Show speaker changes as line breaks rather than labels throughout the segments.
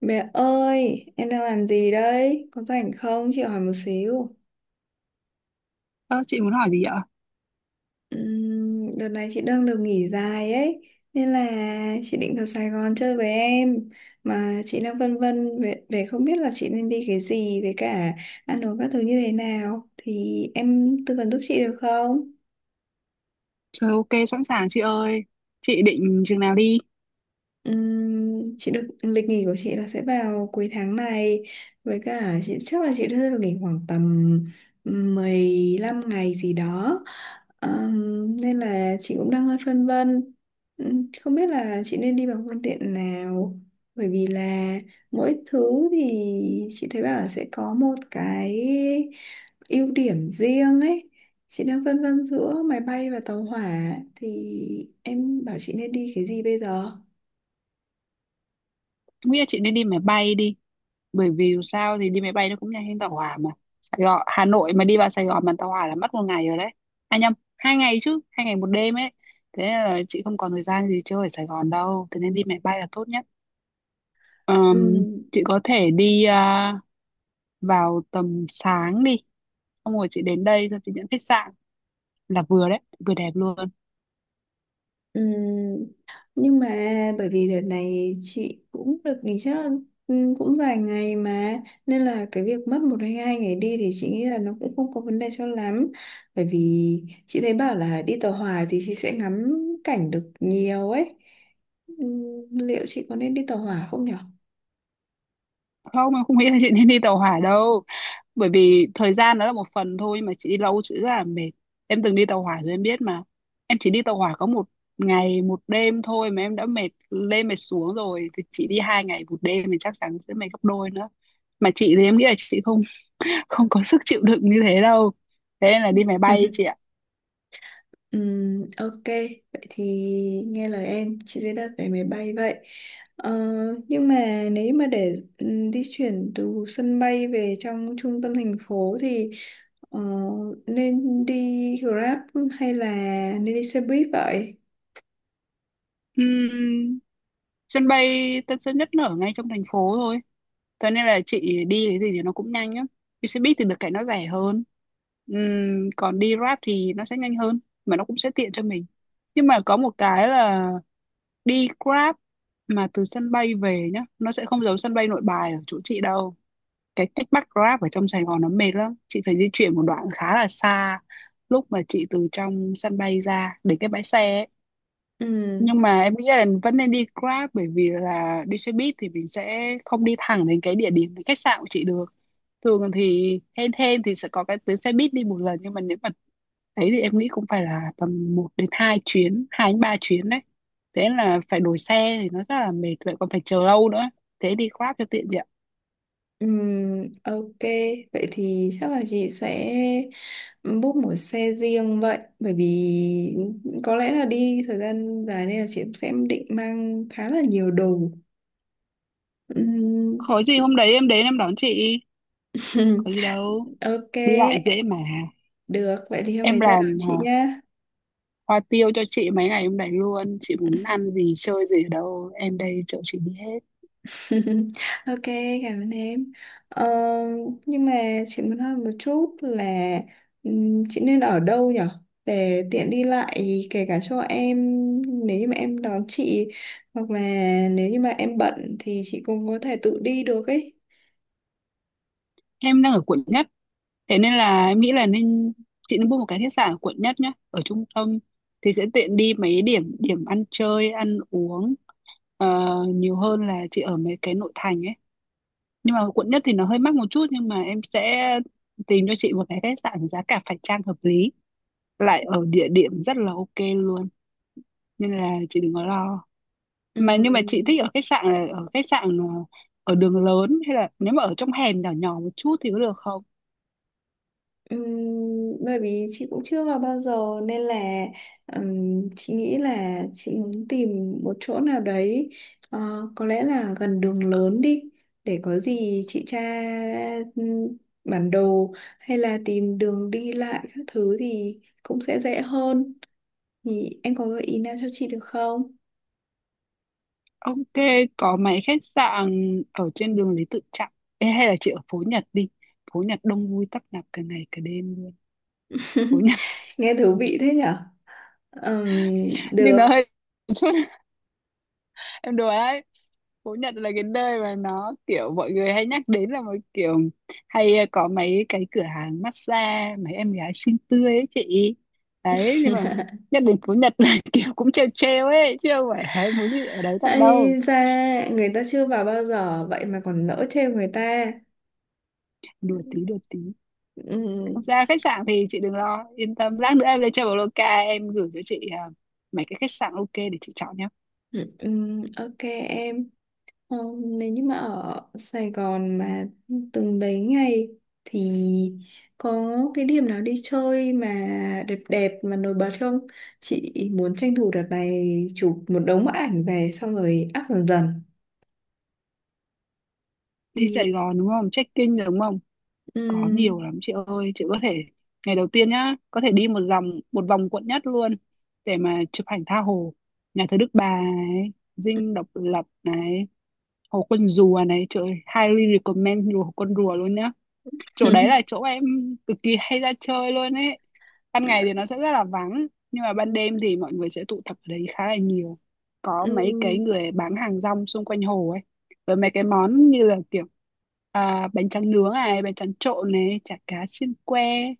Mẹ ơi, em đang làm gì đấy? Có rảnh không? Chị hỏi một xíu.
Ơ, chị muốn hỏi gì ạ?
Đợt này chị đang được nghỉ dài ấy, nên là chị định vào Sài Gòn chơi với em. Mà chị đang vân vân về không biết là chị nên đi cái gì với cả ăn uống các thứ như thế nào. Thì em tư vấn giúp chị được không?
Trời, ok, sẵn sàng chị ơi. Chị định chừng nào đi?
Chị được lịch nghỉ của chị là sẽ vào cuối tháng này, với cả chị chắc là chị sẽ được nghỉ khoảng tầm 15 ngày gì đó. Nên là chị cũng đang hơi phân vân. Không biết là chị nên đi bằng phương tiện nào, bởi vì là mỗi thứ thì chị thấy bảo là sẽ có một cái ưu điểm riêng ấy. Chị đang phân vân giữa máy bay và tàu hỏa, thì em bảo chị nên đi cái gì bây giờ?
Em nghĩ là chị nên đi máy bay đi. Bởi vì dù sao thì đi máy bay nó cũng nhanh hơn tàu hỏa mà. Sài Gòn, Hà Nội mà đi vào Sài Gòn bằng tàu hỏa là mất một ngày rồi đấy. À nhầm, 2 ngày chứ, 2 ngày 1 đêm ấy. Thế nên là chị không còn thời gian gì chơi ở Sài Gòn đâu. Thế nên đi máy bay là tốt nhất. Ờm,
Ừm,
chị có thể vào tầm sáng đi. Xong rồi chị đến đây rồi chị nhận khách sạn là vừa đấy, vừa đẹp luôn.
ừm. Nhưng mà bởi vì đợt này chị cũng được nghỉ phép cũng vài ngày mà, nên là cái việc mất một hay hai ngày đi thì chị nghĩ là nó cũng không có vấn đề cho lắm, bởi vì chị thấy bảo là đi tàu hỏa thì chị sẽ ngắm cảnh được nhiều ấy. Liệu chị có nên đi tàu hỏa không nhở?
Không, em không nghĩ là chị nên đi tàu hỏa đâu, bởi vì thời gian đó là một phần thôi, mà chị đi lâu chị rất là mệt. Em từng đi tàu hỏa rồi em biết mà. Em chỉ đi tàu hỏa có một ngày một đêm thôi mà em đã mệt lên mệt xuống rồi, thì chị đi 2 ngày 1 đêm thì chắc chắn sẽ mệt gấp đôi nữa. Mà chị thì em nghĩ là chị không không có sức chịu đựng như thế đâu. Thế nên là đi máy bay ấy chị ạ.
Ok, vậy thì nghe lời em, chị sẽ đặt vé máy bay vậy. Ờ, nhưng mà nếu mà để di chuyển từ sân bay về trong trung tâm thành phố thì, ờ, nên đi Grab hay là nên đi xe buýt vậy?
Ừm, Sân bay Tân Sơn Nhất nó ở ngay trong thành phố thôi. Thế nên là chị đi cái gì thì nó cũng nhanh á. Đi xe buýt thì được cái nó rẻ hơn. Còn đi Grab thì nó sẽ nhanh hơn, mà nó cũng sẽ tiện cho mình. Nhưng mà có một cái là đi Grab mà từ sân bay về nhá, nó sẽ không giống sân bay Nội Bài ở chỗ chị đâu. Cái cách bắt Grab ở trong Sài Gòn nó mệt lắm. Chị phải di chuyển một đoạn khá là xa lúc mà chị từ trong sân bay ra đến cái bãi xe ấy.
Ừm,
Nhưng mà em nghĩ là vẫn nên đi Grab, bởi vì là đi xe buýt thì mình sẽ không đi thẳng đến cái địa điểm, cái khách sạn của chị được. Thường thì hên hên thì sẽ có cái tuyến xe buýt đi một lần, nhưng mà nếu mà ấy thì em nghĩ cũng phải là tầm 1 đến 2 chuyến, 2 đến 3 chuyến đấy. Thế là phải đổi xe thì nó rất là mệt, vậy còn phải chờ lâu nữa. Thế đi Grab cho tiện chị ạ.
ok, vậy thì chắc là chị sẽ book một xe riêng vậy, bởi vì có lẽ là đi thời gian dài nên là chị cũng sẽ định mang khá là nhiều đồ. Ừm,
Có gì hôm đấy em đến em đón chị. Có gì đâu,
ok,
đi lại dễ mà.
được. Vậy thì hôm
Em
đấy ra đón
làm
chị nhá.
hoa tiêu cho chị mấy ngày hôm đấy luôn. Chị muốn ăn gì chơi gì ở đâu, em đây chở chị đi hết.
Ok, cảm ơn em. Ờ, nhưng mà chị muốn hỏi một chút là, chị nên ở đâu nhở? Để tiện đi lại, kể cả cho em nếu như mà em đón chị, hoặc là nếu như mà em bận thì chị cũng có thể tự đi được ấy.
Em đang ở quận Nhất. Thế nên là em nghĩ là chị nên book một cái khách sạn ở quận Nhất nhé. Ở trung tâm thì sẽ tiện đi mấy điểm điểm ăn chơi, ăn uống, nhiều hơn là chị ở mấy cái nội thành ấy. Nhưng mà quận Nhất thì nó hơi mắc một chút, nhưng mà em sẽ tìm cho chị một cái khách sạn giá cả phải chăng hợp lý. Lại ở địa điểm rất là ok luôn. Nên là chị đừng có lo. Mà nhưng mà chị
Ừm,
thích ở khách sạn là ở khách sạn à, ở đường lớn hay là nếu mà ở trong hẻm nhỏ nhỏ một chút thì có được không?
Ừm, bởi vì chị cũng chưa vào bao giờ nên là, chị nghĩ là chị muốn tìm một chỗ nào đấy, ờ, có lẽ là gần đường lớn đi, để có gì chị tra ừm, bản đồ hay là tìm đường đi lại các thứ thì cũng sẽ dễ hơn. Thì em có gợi ý nào cho chị được không?
Ok, có mấy khách sạn ở trên đường Lý Tự Trọng. Ê, hay là chị ở phố Nhật đi, phố Nhật đông vui tấp nập cả ngày cả đêm luôn. Phố Nhật
Nghe thú vị thế nhở?
nhưng nó
Được.
hơi, em đùa đấy. Phú Nhật là cái nơi mà nó kiểu mọi người hay nhắc đến là một kiểu hay, có mấy cái cửa hàng massage, mấy em gái xinh tươi ấy chị. Đấy, nhưng mà nhắc đến Phú Nhật là kiểu cũng trêu trêu ấy, chứ không phải là muốn gì ở đấy thật đâu.
Ây da, người ta chưa vào bao giờ vậy mà còn nỡ trêu người ta.
Đùa tí đùa tí. Không
Ừm,
sao, khách sạn thì chị đừng lo, yên tâm, lát nữa em lên chơi vào Loca em gửi cho chị, mấy cái khách sạn ok để chị chọn nhé.
ok em. Ờ, nếu như mà ở Sài Gòn mà từng đấy ngày thì có cái điểm nào đi chơi mà đẹp đẹp mà nổi bật không? Chị muốn tranh thủ đợt này chụp một đống bức ảnh về xong rồi up dần dần
Đi Sài
thì.
Gòn đúng không, check-in đúng không? Có
Ừm,
nhiều lắm chị ơi, chị có thể ngày đầu tiên nhá, có thể đi một vòng quận Nhất luôn để mà chụp ảnh tha hồ. Nhà thờ Đức Bà này, dinh Độc Lập này, hồ Con Rùa này, trời ơi, highly recommend hồ Con Rùa luôn nhá. Chỗ đấy là chỗ em cực kỳ hay ra chơi luôn ấy. Ban ngày thì nó sẽ rất là vắng, nhưng mà ban đêm thì mọi người sẽ tụ tập ở đấy khá là nhiều. Có mấy cái
ừm,
người bán hàng rong xung quanh hồ ấy, với mấy cái món như là kiểu bánh tráng nướng này, bánh tráng trộn này, chả cá xiên que,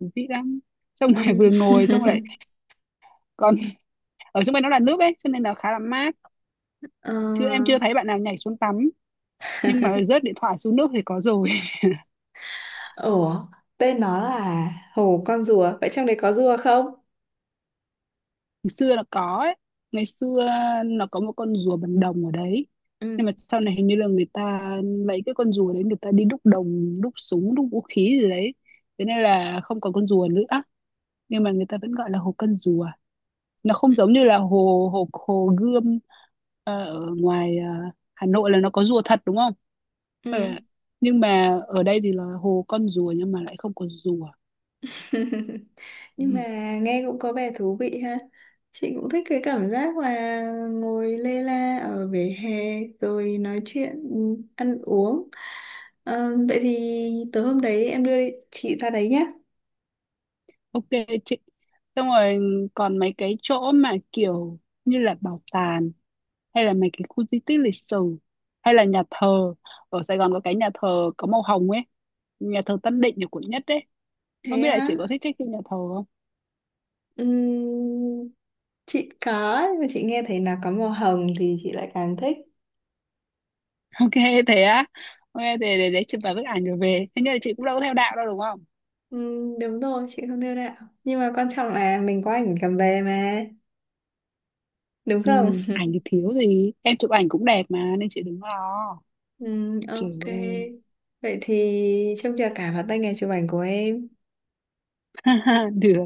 thú vị lắm. Xong rồi
ừm.
vừa ngồi xong rồi, còn ở xung quanh nó là nước ấy, cho nên là khá là mát. Chứ em chưa
Ờ,
thấy bạn nào nhảy xuống tắm, nhưng mà rớt điện thoại xuống nước thì có rồi.
ủa tên nó là Hồ Con Rùa vậy trong đấy có rùa không?
Ngày xưa nó có ấy, ngày xưa nó có một con rùa bằng đồng ở đấy. Nhưng
Ừ,
mà sau này hình như là người ta lấy cái con rùa đấy, người ta đi đúc đồng, đúc súng, đúc vũ khí gì đấy, thế nên là không còn con rùa nữa, nhưng mà người ta vẫn gọi là hồ Con Rùa. Nó không giống như là hồ hồ hồ Gươm, ở ngoài Hà Nội là nó có rùa thật đúng không. Ờ,
ừ.
nhưng mà ở đây thì là hồ Con Rùa nhưng mà lại không có rùa.
Nhưng mà nghe cũng có vẻ thú vị ha. Chị cũng thích cái cảm giác là ngồi lê la ở vỉa hè rồi nói chuyện, ừ, ăn uống. Ờ, vậy thì tối hôm đấy em đưa chị ra đấy nhé.
Ok chị, xong rồi còn mấy cái chỗ mà kiểu như là bảo tàng, hay là mấy cái khu di tích lịch sử, hay là nhà thờ. Ở Sài Gòn có cái nhà thờ có màu hồng ấy, nhà thờ Tân Định ở quận Nhất đấy. Không
Thế
biết là
á,
chị có thích check in nhà thờ không.
ừm, chị có, nhưng mà chị nghe thấy là có màu hồng thì chị lại càng thích.
Ok, thế á. Ok, thế để chụp vài bức ảnh rồi về, thế nhưng là chị cũng đâu có theo đạo đâu đúng không.
Đúng rồi, chị không đưa đạo. Nhưng mà quan trọng là mình có ảnh cầm về mà, đúng không?
Ừ, ảnh thì thiếu gì, em chụp ảnh cũng đẹp mà nên chị đừng lo.
Ừ,
Trời
ok.
ơi
Vậy thì trông chờ cả vào tay nghề chụp ảnh của em.
được.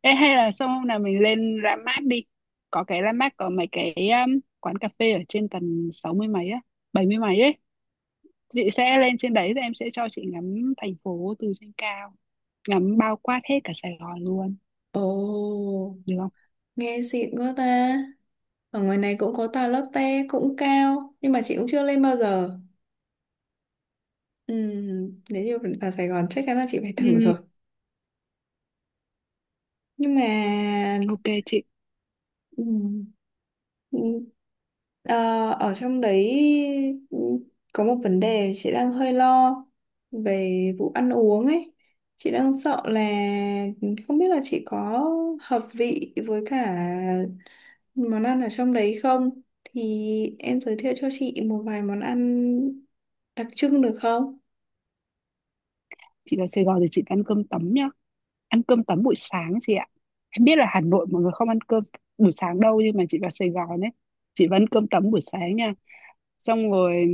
Ê, hay là xong hôm nào mình lên ra mát đi, có cái ra mát có mấy cái quán cà phê ở trên tầng 60 mấy á, 70 mấy ấy. Chị sẽ lên trên đấy rồi em sẽ cho chị ngắm thành phố từ trên cao, ngắm bao quát hết cả Sài Gòn luôn,
Ồ,
được không?
nghe xịn quá ta. Ở ngoài này cũng có tòa Lotte cũng cao, nhưng mà chị cũng chưa lên bao giờ. Ừ, nếu như vào Sài Gòn chắc chắn là chị phải thử
Ừ,
rồi. Nhưng mà
ok chị.
ừ, ừ, ờ, ở trong đấy, ừ, có một vấn đề chị đang hơi lo về vụ ăn uống ấy. Chị đang sợ là không biết là chị có hợp vị với cả món ăn ở trong đấy không? Thì em giới thiệu cho chị một vài món ăn đặc trưng được không?
Chị vào Sài Gòn thì chị ăn cơm tấm nhá, ăn cơm tấm buổi sáng chị ạ. Em biết là Hà Nội mọi người không ăn cơm buổi sáng đâu, nhưng mà chị vào Sài Gòn ấy, chị vẫn cơm tấm buổi sáng nha. Xong rồi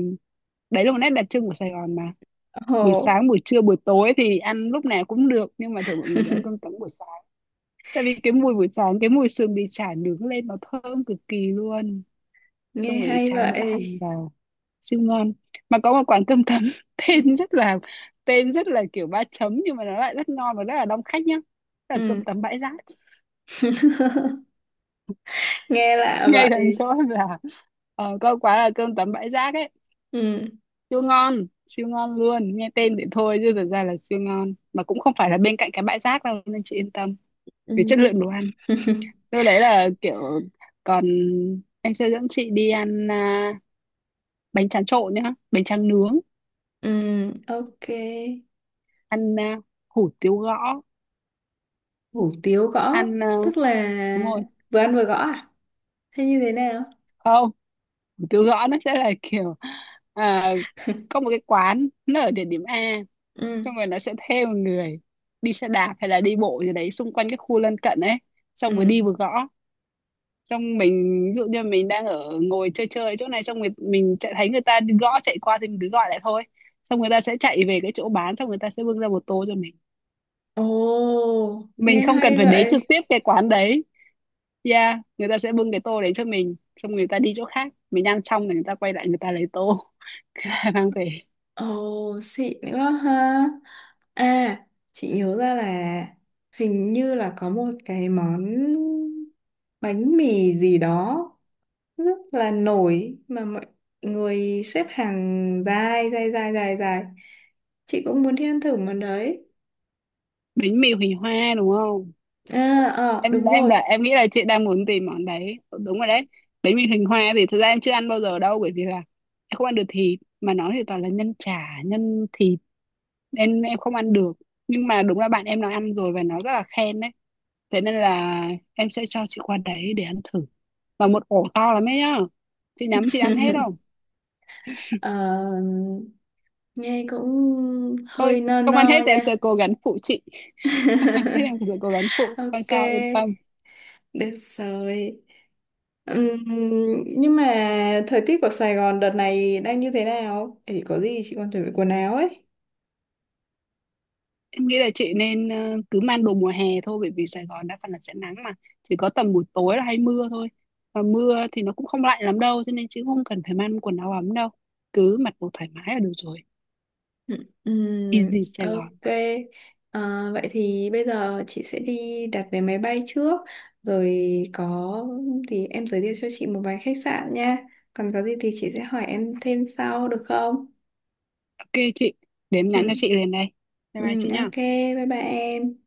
đấy là một nét đặc trưng của Sài Gòn mà. Buổi
Ồ,
sáng, buổi trưa, buổi tối thì ăn lúc nào cũng được, nhưng mà thường mọi người sẽ ăn cơm trắng buổi sáng. Tại vì cái mùi buổi sáng cái mùi sườn bị chả nướng lên nó thơm cực kỳ luôn. Xong
nghe
rồi
hay
chan mỡ hành
vậy.
vào, siêu ngon. Mà có một quán cơm tấm tên rất là tên rất là kiểu ba chấm, nhưng mà nó lại rất ngon và rất là đông khách nhá, là cơm
Ừ.
tấm Bãi Rác.
Nghe lạ
Ngay gần
vậy.
chỗ là, có quán là cơm tấm Bãi Rác ấy,
Ừ.
siêu ngon, siêu ngon luôn. Nghe tên thì thôi, chứ thực ra là siêu ngon, mà cũng không phải là bên cạnh cái bãi rác đâu nên chị yên tâm
Ừ.
về chất lượng đồ ăn. Tôi đấy là kiểu, còn em sẽ dẫn chị đi ăn bánh tráng trộn nhá, bánh tráng nướng,
Ừ, ok.
ăn hủ tiếu gõ,
Hủ tiếu gõ
ăn
tức là
đúng rồi.
vừa ăn vừa gõ à hay như thế nào?
Không, hủ tiếu gõ nó sẽ là kiểu à, có một cái quán nó ở địa điểm A,
Ừ,
xong rồi nó sẽ thuê một người đi xe đạp hay là đi bộ gì đấy xung quanh cái khu lân cận ấy, xong vừa đi
ừ,
vừa gõ. Xong mình ví dụ như mình đang ở ngồi chơi chơi chỗ này, xong người mình chạy thấy người ta đi gõ chạy qua thì mình cứ gọi lại thôi. Xong người ta sẽ chạy về cái chỗ bán, xong người ta sẽ bưng ra một tô cho mình
ồ,
mình
nghe
không cần
hay
phải đến
vậy.
trực tiếp cái quán đấy. Yeah, người ta sẽ bưng cái tô đấy cho mình, xong người ta đi chỗ khác, mình ăn xong thì người ta quay lại người ta lấy tô mang về.
Ồ, xịn quá ha. À, chị nhớ ra là hình như là có một cái món bánh mì gì đó rất là nổi mà mọi người xếp hàng dài dài dài dài dài chị cũng muốn đi ăn thử món đấy.
Bánh mì hình hoa đúng không?
À, ờ,
em
đúng
em
rồi.
đã em nghĩ là chị đang muốn tìm món đấy, đúng rồi đấy. Bánh mì hình hoa thì thực ra em chưa ăn bao giờ đâu, bởi vì là em không ăn được thịt, mà nó thì toàn là nhân chả nhân thịt nên em không ăn được. Nhưng mà đúng là bạn em nó ăn rồi và nó rất là khen đấy. Thế nên là em sẽ cho chị qua đấy để ăn thử. Và một ổ to lắm ấy nhá, chị nhắm chị ăn hết không?
Ờ, nghe cũng
Thôi,
hơi no
không ăn hết
no
thì em sẽ
nha.
cố gắng phụ chị. Không ăn hết em sẽ cố gắng phụ, không
Ok,
sao, yên tâm.
được rồi. Ừm, nhưng mà thời tiết của Sài Gòn đợt này đang như thế nào? Thì có gì chị còn chuẩn bị quần áo ấy.
Em nghĩ là chị nên cứ mang đồ mùa hè thôi, bởi vì Sài Gòn đa phần là sẽ nắng mà, chỉ có tầm buổi tối là hay mưa thôi. Và mưa thì nó cũng không lạnh lắm đâu, cho nên chị cũng không cần phải mang quần áo ấm đâu, cứ mặc đồ thoải mái là được rồi.
Ừm,
Easy Sài Gòn.
ok. Ờ, vậy thì bây giờ chị sẽ đi đặt vé máy bay trước, rồi có thì em giới thiệu cho chị một vài khách sạn nha. Còn có gì thì chị sẽ hỏi em thêm sau được không?
Ok chị, để em nhắn
Ừ.
cho chị liền đây. Bye bye
Ừ,
chị nhá.
ok, bye bye em.